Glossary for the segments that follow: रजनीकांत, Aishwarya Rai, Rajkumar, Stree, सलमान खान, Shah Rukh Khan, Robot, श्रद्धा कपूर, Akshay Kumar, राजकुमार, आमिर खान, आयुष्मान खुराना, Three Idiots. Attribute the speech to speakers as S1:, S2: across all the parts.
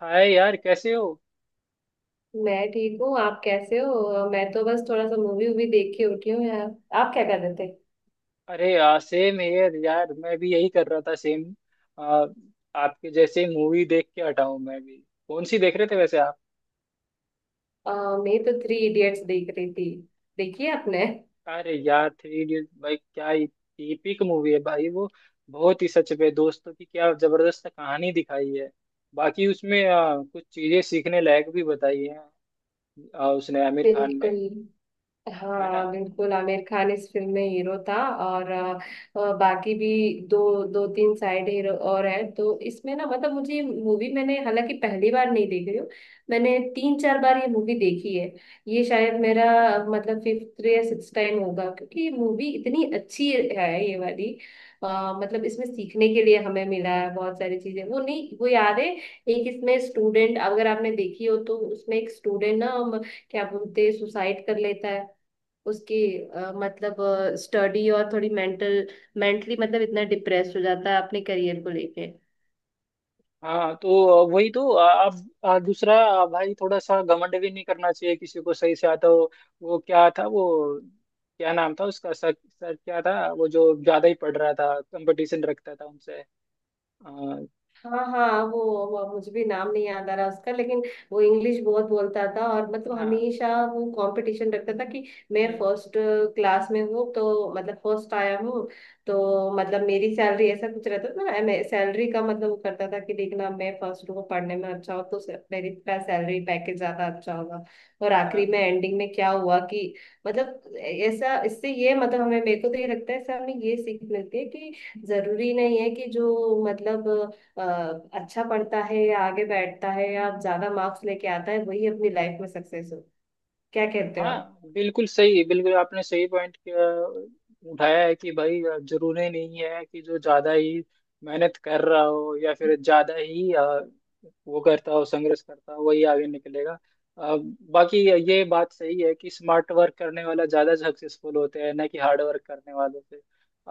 S1: हाय यार, कैसे हो?
S2: मैं ठीक हूँ। आप कैसे हो? मैं तो बस थोड़ा सा मूवी वूवी देख के उठी हूँ यार। आप क्या कर रहे थे?
S1: अरे यार सेम, यार यार मैं भी यही कर रहा था, सेम। आ, आपके जैसे मूवी देख के हटा हूं मैं भी। कौन सी देख रहे थे वैसे आप?
S2: अ, मैं तो थ्री इडियट्स देख रही थी। देखिए आपने?
S1: अरे यार, थ्री इडियट, भाई क्या टीपिक मूवी है भाई वो। बहुत ही सच पे दोस्तों की क्या जबरदस्त कहानी दिखाई है। बाकी उसमें कुछ चीजें सीखने लायक भी बताई है। उसने आमिर खान ने।
S2: बिल्कुल।
S1: है ना।
S2: हाँ बिल्कुल, आमिर खान इस फिल्म में हीरो था। और बाकी भी दो दो तीन साइड हीरो और हैं। तो इसमें ना मतलब मुझे मूवी, मैंने हालांकि पहली बार नहीं देखी हूँ। मैंने तीन चार बार ये मूवी देखी है। ये शायद मेरा मतलब फिफ्थ या सिक्स टाइम होगा क्योंकि ये मूवी इतनी अच्छी है, ये वाली। अ, मतलब इसमें सीखने के लिए हमें मिला है बहुत सारी चीजें। वो नहीं, वो याद है, एक इसमें स्टूडेंट, अगर आपने देखी हो तो उसमें एक स्टूडेंट ना हम क्या बोलते हैं, सुसाइड कर लेता है उसकी। मतलब स्टडी, और थोड़ी मेंटली मतलब इतना डिप्रेस हो जाता है अपने करियर को लेके।
S1: हाँ, तो वही तो आप। दूसरा, भाई थोड़ा सा घमंड भी नहीं करना चाहिए, किसी को सही से आता हो। वो क्या था वो? क्या नाम था उसका, सर? सर क्या था वो, जो ज्यादा ही पढ़ रहा था, कंपटीशन रखता था उनसे? आ,
S2: हाँ हाँ, वो मुझे भी नाम नहीं याद आ रहा उसका लेकिन। वो इंग्लिश बहुत बोलता था, और मतलब
S1: हाँ,
S2: हमेशा वो कंपटीशन रखता था कि मैं
S1: हम्म,
S2: फर्स्ट क्लास में हूँ, तो मतलब फर्स्ट आया हूँ। तो मतलब मेरी सैलरी, ऐसा कुछ रहता था ना, मैं सैलरी का मतलब वो करता था कि देखना मैं फर्स्ट हूँ पढ़ने में, अच्छा हो तो मेरी सैलरी पैकेज ज्यादा अच्छा होगा। और आखिरी
S1: हाँ,
S2: में एंडिंग में क्या हुआ कि मतलब ऐसा, इससे ये मतलब हमें, मेरे को तो ये लगता है इससे हमें ये सीख मिलती है कि जरूरी नहीं है कि जो मतलब अ, अच्छा पढ़ता है, या आगे बैठता है, या ज्यादा मार्क्स लेके आता है, वही अपनी लाइफ में सक्सेस हो। क्या कहते हो आप?
S1: हाँ। बिल्कुल सही, बिल्कुल आपने सही पॉइंट उठाया है कि भाई, जरूरी नहीं है कि जो ज्यादा ही मेहनत कर रहा हो या फिर ज्यादा ही वो करता हो, संघर्ष करता हो, वही आगे निकलेगा। अ, बाकी ये बात सही है कि स्मार्ट वर्क करने वाला ज्यादा सक्सेसफुल होते हैं, ना कि हार्ड वर्क करने वालों से।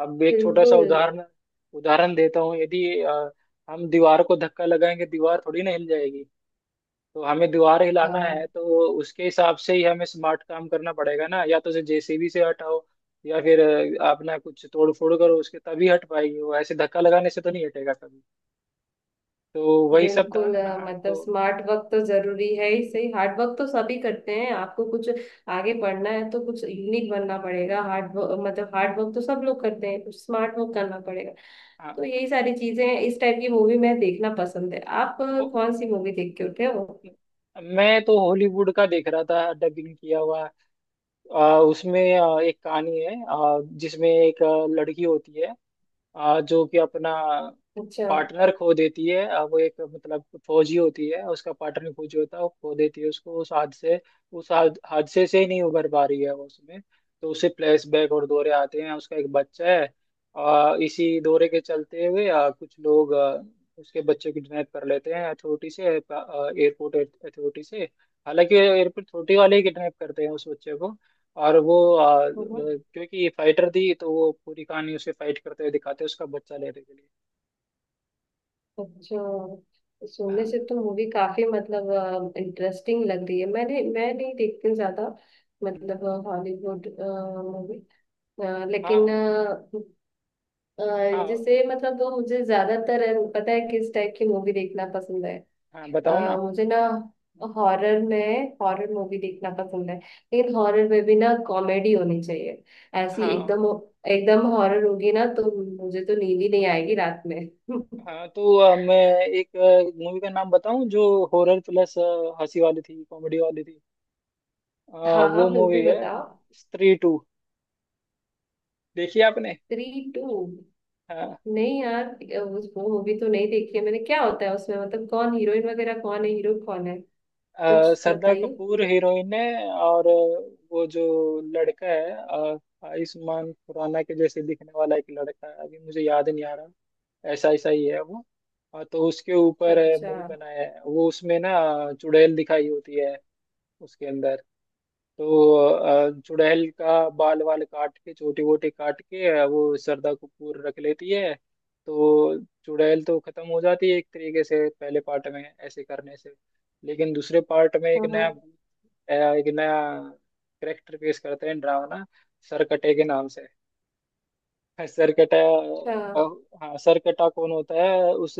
S1: अब एक छोटा सा
S2: बिल्कुल।
S1: उदाहरण उदाहरण देता हूँ। यदि हम दीवार को धक्का लगाएंगे, दीवार थोड़ी ना हिल जाएगी। तो हमें दीवार हिलाना है,
S2: हाँ
S1: तो उसके हिसाब से ही हमें स्मार्ट काम करना पड़ेगा ना। या तो उसे जेसीबी से हटाओ, या फिर आप ना कुछ तोड़ फोड़ करो उसके, तभी हट पाएगी वो। ऐसे धक्का लगाने से तो नहीं हटेगा कभी। तो वही सब था
S2: बिल्कुल, मतलब
S1: तो।
S2: स्मार्ट वर्क तो जरूरी है ही, सही, हार्ड वर्क तो सभी करते हैं, आपको कुछ आगे पढ़ना है तो कुछ यूनिक बनना पड़ेगा। हार्ड वर्क तो सब लोग करते हैं, कुछ स्मार्ट वर्क करना पड़ेगा।
S1: हाँ।
S2: तो यही सारी चीजें हैं। इस टाइप की मूवी मैं देखना पसंद है। आप
S1: ओ,
S2: कौन सी मूवी देख के उठे हो?
S1: मैं तो हॉलीवुड का देख रहा था, डबिंग किया हुआ। उसमें एक कहानी है, जिसमें एक लड़की होती है, जो कि अपना
S2: अच्छा।
S1: पार्टनर खो देती है। वो एक मतलब फौजी होती है, उसका पार्टनर फौजी होता है, वो खो देती है उसको। उस हादसे उस हाद- हादसे से ही नहीं उभर पा रही है वो उसमें। तो उसे फ्लैशबैक और दौरे आते हैं, उसका एक बच्चा है। इसी दौरे के चलते हुए कुछ लोग उसके बच्चे को किडनैप कर लेते हैं अथॉरिटी से, एयरपोर्ट अथॉरिटी से। हालांकि एयरपोर्ट अथॉरिटी वाले ही किडनैप करते हैं उस बच्चे को। और वो क्योंकि ये फाइटर थी, तो वो पूरी कहानी उसे फाइट करते हुए दिखाते हैं, उसका बच्चा लेने के लिए।
S2: अच्छा, सोने
S1: हाँ,
S2: से तो मूवी काफी मतलब इंटरेस्टिंग लग रही है। मैं नहीं देखती हूँ ज्यादा
S1: हम्म,
S2: मतलब हॉलीवुड मूवी, लेकिन
S1: हाँ,
S2: अ,
S1: हाँ।
S2: जैसे मतलब, वो मुझे ज्यादातर पता है किस टाइप की मूवी देखना पसंद है?
S1: हाँ, बताओ ना।
S2: मुझे ना हॉरर मूवी देखना पसंद है, लेकिन हॉरर में भी ना कॉमेडी होनी चाहिए। ऐसी
S1: हाँ,
S2: एकदम एकदम हॉरर होगी ना, तो मुझे तो नींद ही नहीं आएगी रात में।
S1: हाँ, तो मैं एक मूवी का नाम बताऊं, जो हॉरर प्लस हंसी वाली थी, कॉमेडी वाली थी? आ,
S2: हाँ
S1: वो
S2: हाँ
S1: मूवी
S2: बिल्कुल,
S1: है
S2: बताओ।
S1: स्त्री टू। देखी आपने?
S2: Three, to.
S1: हाँ।
S2: नहीं यार, उस वो मूवी तो नहीं देखी है मैंने। क्या होता है उसमें मतलब, कौन हीरोइन वगैरह, कौन है हीरो, कौन है? कुछ
S1: श्रद्धा
S2: बताइए।
S1: कपूर हीरोइन है, और वो जो लड़का है, आयुष्मान खुराना के जैसे दिखने वाला एक लड़का है, अभी मुझे याद नहीं आ रहा। ऐसा ऐसा ही है वो। हाँ, तो उसके ऊपर
S2: अच्छा।
S1: मूवी बनाया है वो। उसमें ना चुड़ैल दिखाई होती है उसके अंदर। तो चुड़ैल का बाल वाल काट के, छोटी वोटी काट के, वो श्रद्धा कपूर रख लेती है। तो चुड़ैल तो खत्म हो जाती है एक तरीके से, पहले पार्ट में ऐसे करने से। लेकिन दूसरे पार्ट में एक
S2: हाँ हाँ।
S1: नया भूत, एक नया करेक्टर पेश करते हैं, डरावना, सरकटे के नाम से। सरकटा।
S2: अच्छा।
S1: हाँ, सरकटा कौन होता है? उस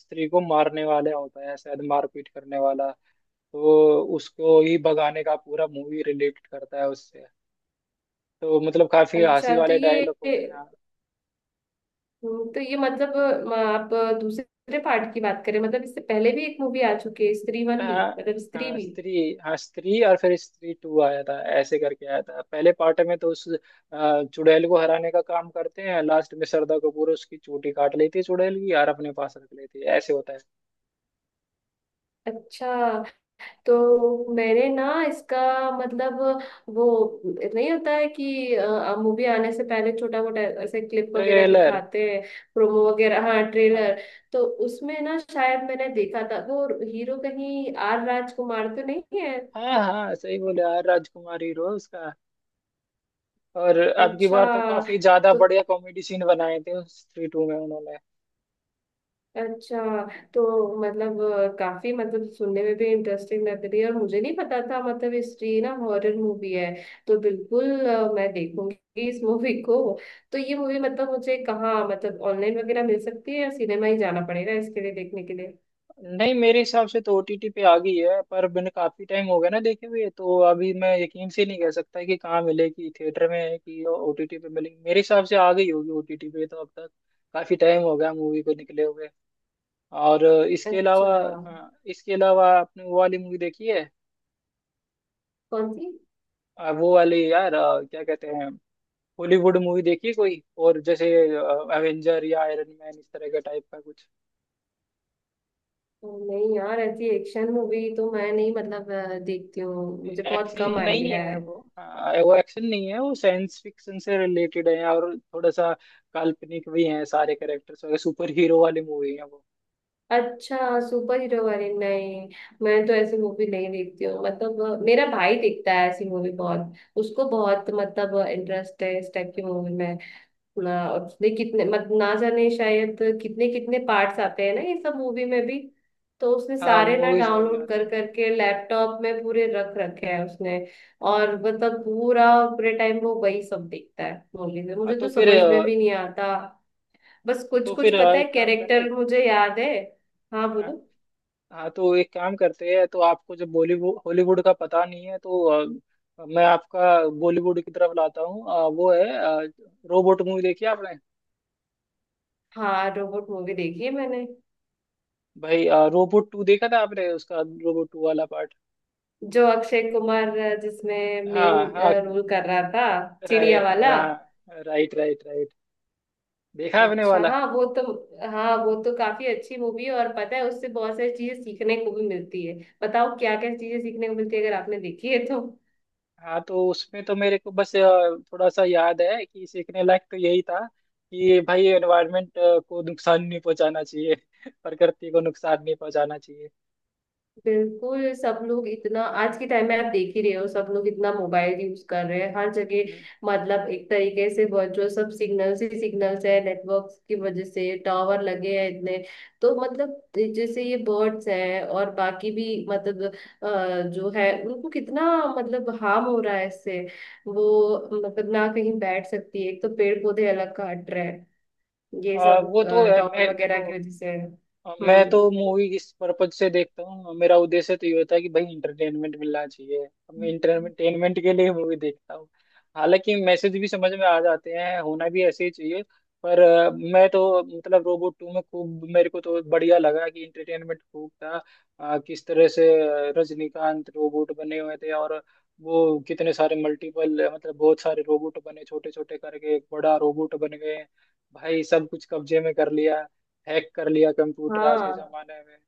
S1: स्त्री को मारने वाला होता है, शायद मारपीट करने वाला। तो उसको ही भगाने का पूरा मूवी रिलेट करता है उससे। तो मतलब काफी
S2: अच्छा
S1: हंसी
S2: तो
S1: वाले
S2: ये,
S1: डायलॉग होते हैं।
S2: तो ये मतलब, आप दूसरे पार्ट की बात करें मतलब, इससे पहले भी एक मूवी आ चुकी है स्त्री वन भी,
S1: हाँ,
S2: मतलब स्त्री
S1: हाँ,
S2: भी।
S1: स्त्री, हाँ स्त्री, और फिर स्त्री टू आया था, ऐसे करके आया था। पहले पार्ट में तो उस चुड़ैल को हराने का काम करते हैं। लास्ट में श्रद्धा कपूर उसकी चोटी काट लेती है, चुड़ैल की, यार, अपने पास रख लेती है, ऐसे होता है।
S2: अच्छा। तो मैंने ना इसका मतलब, वो नहीं होता है कि मूवी आने से पहले छोटा मोटा ऐसे क्लिप वगैरह
S1: ट्रेलर।
S2: दिखाते हैं, प्रोमो वगैरह, हाँ ट्रेलर। तो उसमें ना शायद मैंने देखा था, वो हीरो कहीं आर राजकुमार तो नहीं है?
S1: हाँ, हाँ, सही बोले, यार राजकुमार हीरो है उसका। और अब की
S2: अच्छा।
S1: बार तो काफी ज्यादा
S2: तो
S1: बढ़िया कॉमेडी सीन बनाए थे उस थ्री टू में उन्होंने।
S2: अच्छा, तो मतलब काफी मतलब सुनने में भी इंटरेस्टिंग लग रही है, और मुझे नहीं पता था मतलब हिस्ट्री ना हॉरर मूवी है। तो बिल्कुल, मैं देखूंगी इस मूवी को। तो ये मूवी मतलब मुझे कहाँ मतलब ऑनलाइन वगैरह मिल सकती है, या सिनेमा ही जाना पड़ेगा इसके लिए देखने के लिए?
S1: नहीं, मेरे हिसाब से तो ओटीटी पे आ गई है, पर मैंने काफी टाइम हो गया ना देखे हुए, तो अभी मैं यकीन से नहीं कह सकता कि कहाँ मिलेगी, थिएटर में है कि ओटीटी पे मिलेगी। मेरे हिसाब से आ गई होगी ओटीटी पे तो अब तक। काफी टाइम हो गया मूवी को निकले हुए। और इसके अलावा,
S2: अच्छा।
S1: हाँ, इसके अलावा आपने वो वाली मूवी देखी है?
S2: कौन सी?
S1: वो वाली, यार, क्या कहते हैं, हॉलीवुड मूवी देखी कोई और, जैसे एवेंजर या आयरन मैन, इस तरह का टाइप का कुछ?
S2: नहीं यार, ऐसी एक्शन मूवी तो मैं नहीं मतलब देखती हूँ, मुझे बहुत कम
S1: एक्शन नहीं
S2: आइडिया है।
S1: है वो। हाँ, वो एक्शन नहीं है, वो साइंस फिक्शन से रिलेटेड है, और थोड़ा सा काल्पनिक भी है। सारे कैरेक्टर्स वगैरह, सुपर हीरो वाली मूवी है वो।
S2: अच्छा। सुपर हीरो वाली? नहीं, मैं तो ऐसी मूवी नहीं देखती हूँ, मतलब मेरा भाई देखता है ऐसी मूवी बहुत। उसको बहुत मतलब इंटरेस्ट है इस टाइप की मूवी में ना, और उसने कितने मत ना जाने, शायद कितने कितने पार्ट्स आते हैं ना ये सब मूवी में भी। तो उसने
S1: हाँ,
S2: सारे ना
S1: मूवीज में भी
S2: डाउनलोड
S1: आते हैं।
S2: कर करके लैपटॉप में पूरे रख रखे हैं उसने। और मतलब पूरा पूरे टाइम वो वही सब देखता है मूवी में,
S1: हाँ,
S2: मुझे
S1: तो
S2: तो
S1: फिर
S2: समझ में भी नहीं आता। बस कुछ कुछ पता है
S1: एक काम करें।
S2: कैरेक्टर, मुझे याद है। हाँ
S1: हाँ,
S2: बोलो।
S1: हाँ, तो एक काम करते हैं। तो आपको जब बॉलीवुड, हॉलीवुड का पता नहीं है, तो मैं आपका बॉलीवुड की तरफ लाता हूँ। वो है, रोबोट मूवी देखी आपने?
S2: हाँ, रोबोट मूवी देखी है मैंने।
S1: भाई, रोबोट टू देखा था आपने, उसका रोबोट टू वाला पार्ट?
S2: जो अक्षय कुमार जिसमें मेन
S1: हाँ, हाँ,
S2: रोल कर रहा था,
S1: राय
S2: चिड़िया
S1: हाँ,
S2: वाला।
S1: Right, right, right. देखा आपने
S2: अच्छा।
S1: वाला?
S2: हाँ वो तो काफी अच्छी मूवी है, और पता है उससे बहुत सारी चीजें सीखने को भी मिलती है। बताओ क्या क्या चीजें सीखने को मिलती है, अगर आपने देखी है तो।
S1: हाँ, तो उसमें तो मेरे को बस थोड़ा सा याद है कि सीखने लायक तो यही था कि भाई एनवायरनमेंट को नुकसान नहीं पहुंचाना चाहिए। प्रकृति को नुकसान नहीं पहुंचाना चाहिए।
S2: बिल्कुल। सब लोग इतना, आज के टाइम में आप देख ही रहे हो, सब लोग इतना मोबाइल यूज कर रहे हैं हर जगह।
S1: हम्म।
S2: मतलब एक तरीके से वर्चुअल सब सिग्नल्स ही सिग्नल्स है, नेटवर्क की वजह से टावर लगे हैं इतने। तो मतलब जैसे ये बर्ड्स हैं और बाकी भी मतलब जो है, उनको कितना मतलब हार्म हो रहा है इससे। वो मतलब ना कहीं बैठ सकती है, एक तो पेड़ पौधे अलग काट रहे हैं, ये
S1: और
S2: सब
S1: वो तो है,
S2: टावर
S1: मैं
S2: वगैरह
S1: देखो,
S2: की वजह से।
S1: अब मैं
S2: हम्म।
S1: तो मूवी इस पर्पज से देखता हूँ, मेरा उद्देश्य तो ये होता है कि भाई इंटरटेनमेंट मिलना चाहिए। अब मैं इंटरटेनमेंट के लिए मूवी देखता हूँ। हालांकि मैसेज भी समझ में आ जाते हैं, होना भी ऐसे ही चाहिए। पर मैं तो मतलब रोबोट टू में खूब, मेरे को तो बढ़िया लगा कि इंटरटेनमेंट खूब था। किस तरह से, रजनीकांत रोबोट बने हुए थे, और वो कितने सारे मल्टीपल मतलब बहुत सारे रोबोट बने छोटे छोटे करके, एक बड़ा रोबोट बन गए। भाई सब कुछ कब्जे में कर लिया, हैक कर लिया कंप्यूटर, आज के
S2: हाँ
S1: जमाने में,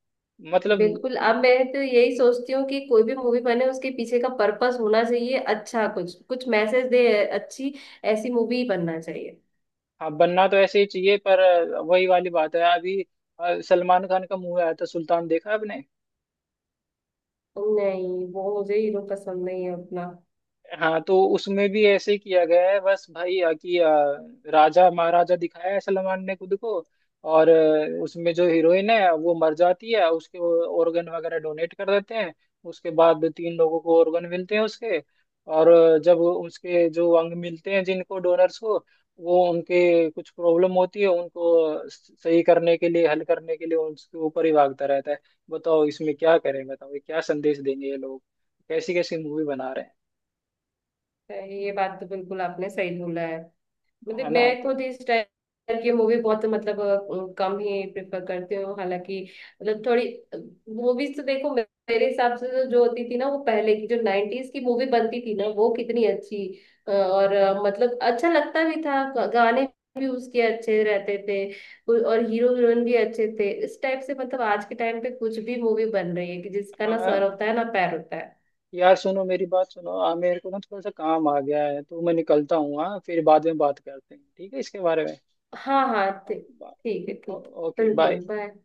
S2: बिल्कुल।
S1: मतलब।
S2: अब मैं तो यही सोचती हूँ कि कोई भी मूवी बने, उसके पीछे का पर्पस होना चाहिए, अच्छा कुछ कुछ मैसेज दे। अच्छी ऐसी मूवी बनना चाहिए।
S1: हाँ, बनना तो ऐसे ही चाहिए, पर वही वाली बात है अभी। सलमान खान का मूवी आया था, सुल्तान, देखा आपने?
S2: नहीं, वो मुझे हीरो पसंद नहीं है अपना।
S1: हाँ, तो उसमें भी ऐसे ही किया गया है, बस भाई कि राजा महाराजा दिखाया है सलमान ने खुद को। और उसमें जो हीरोइन है, वो मर जाती है, उसके ऑर्गन वगैरह डोनेट कर देते हैं। उसके बाद तीन लोगों को ऑर्गन मिलते हैं उसके। और जब उसके जो अंग मिलते हैं, जिनको डोनर्स को, वो उनके कुछ प्रॉब्लम होती है, उनको सही करने के लिए, हल करने के लिए उसके ऊपर ही भागता रहता है। बताओ, इसमें क्या करें? बताओ, ये क्या संदेश देंगे ये लोग? कैसी कैसी मूवी बना रहे हैं?
S2: ये बात तो बिल्कुल आपने सही बोला है। मतलब
S1: है ना?
S2: मैं
S1: तो
S2: खुद इस टाइप की मूवी बहुत मतलब कम ही प्रेफर करती हूँ, हालांकि मतलब थोड़ी मूवीज तो देखो, मेरे हिसाब से तो जो होती थी ना, वो पहले की जो 90s की मूवी बनती थी ना, वो कितनी अच्छी। और मतलब अच्छा लगता भी था, गाने भी उसके अच्छे रहते थे, और हीरो हीरोइन भी अच्छे थे इस टाइप से। मतलब आज के टाइम पे कुछ भी मूवी बन रही है कि जिसका ना
S1: हाँ,
S2: सर होता है ना पैर होता है।
S1: यार, सुनो, मेरी बात सुनो, मेरे को ना थोड़ा सा काम आ गया है, तो मैं निकलता हूँ। हाँ, फिर बाद में बात करते हैं, ठीक है, इसके बारे में।
S2: हाँ हाँ, ठीक। ठीक है, ठीक।
S1: ओ- ओके, बाय।
S2: बिल्कुल, बाय।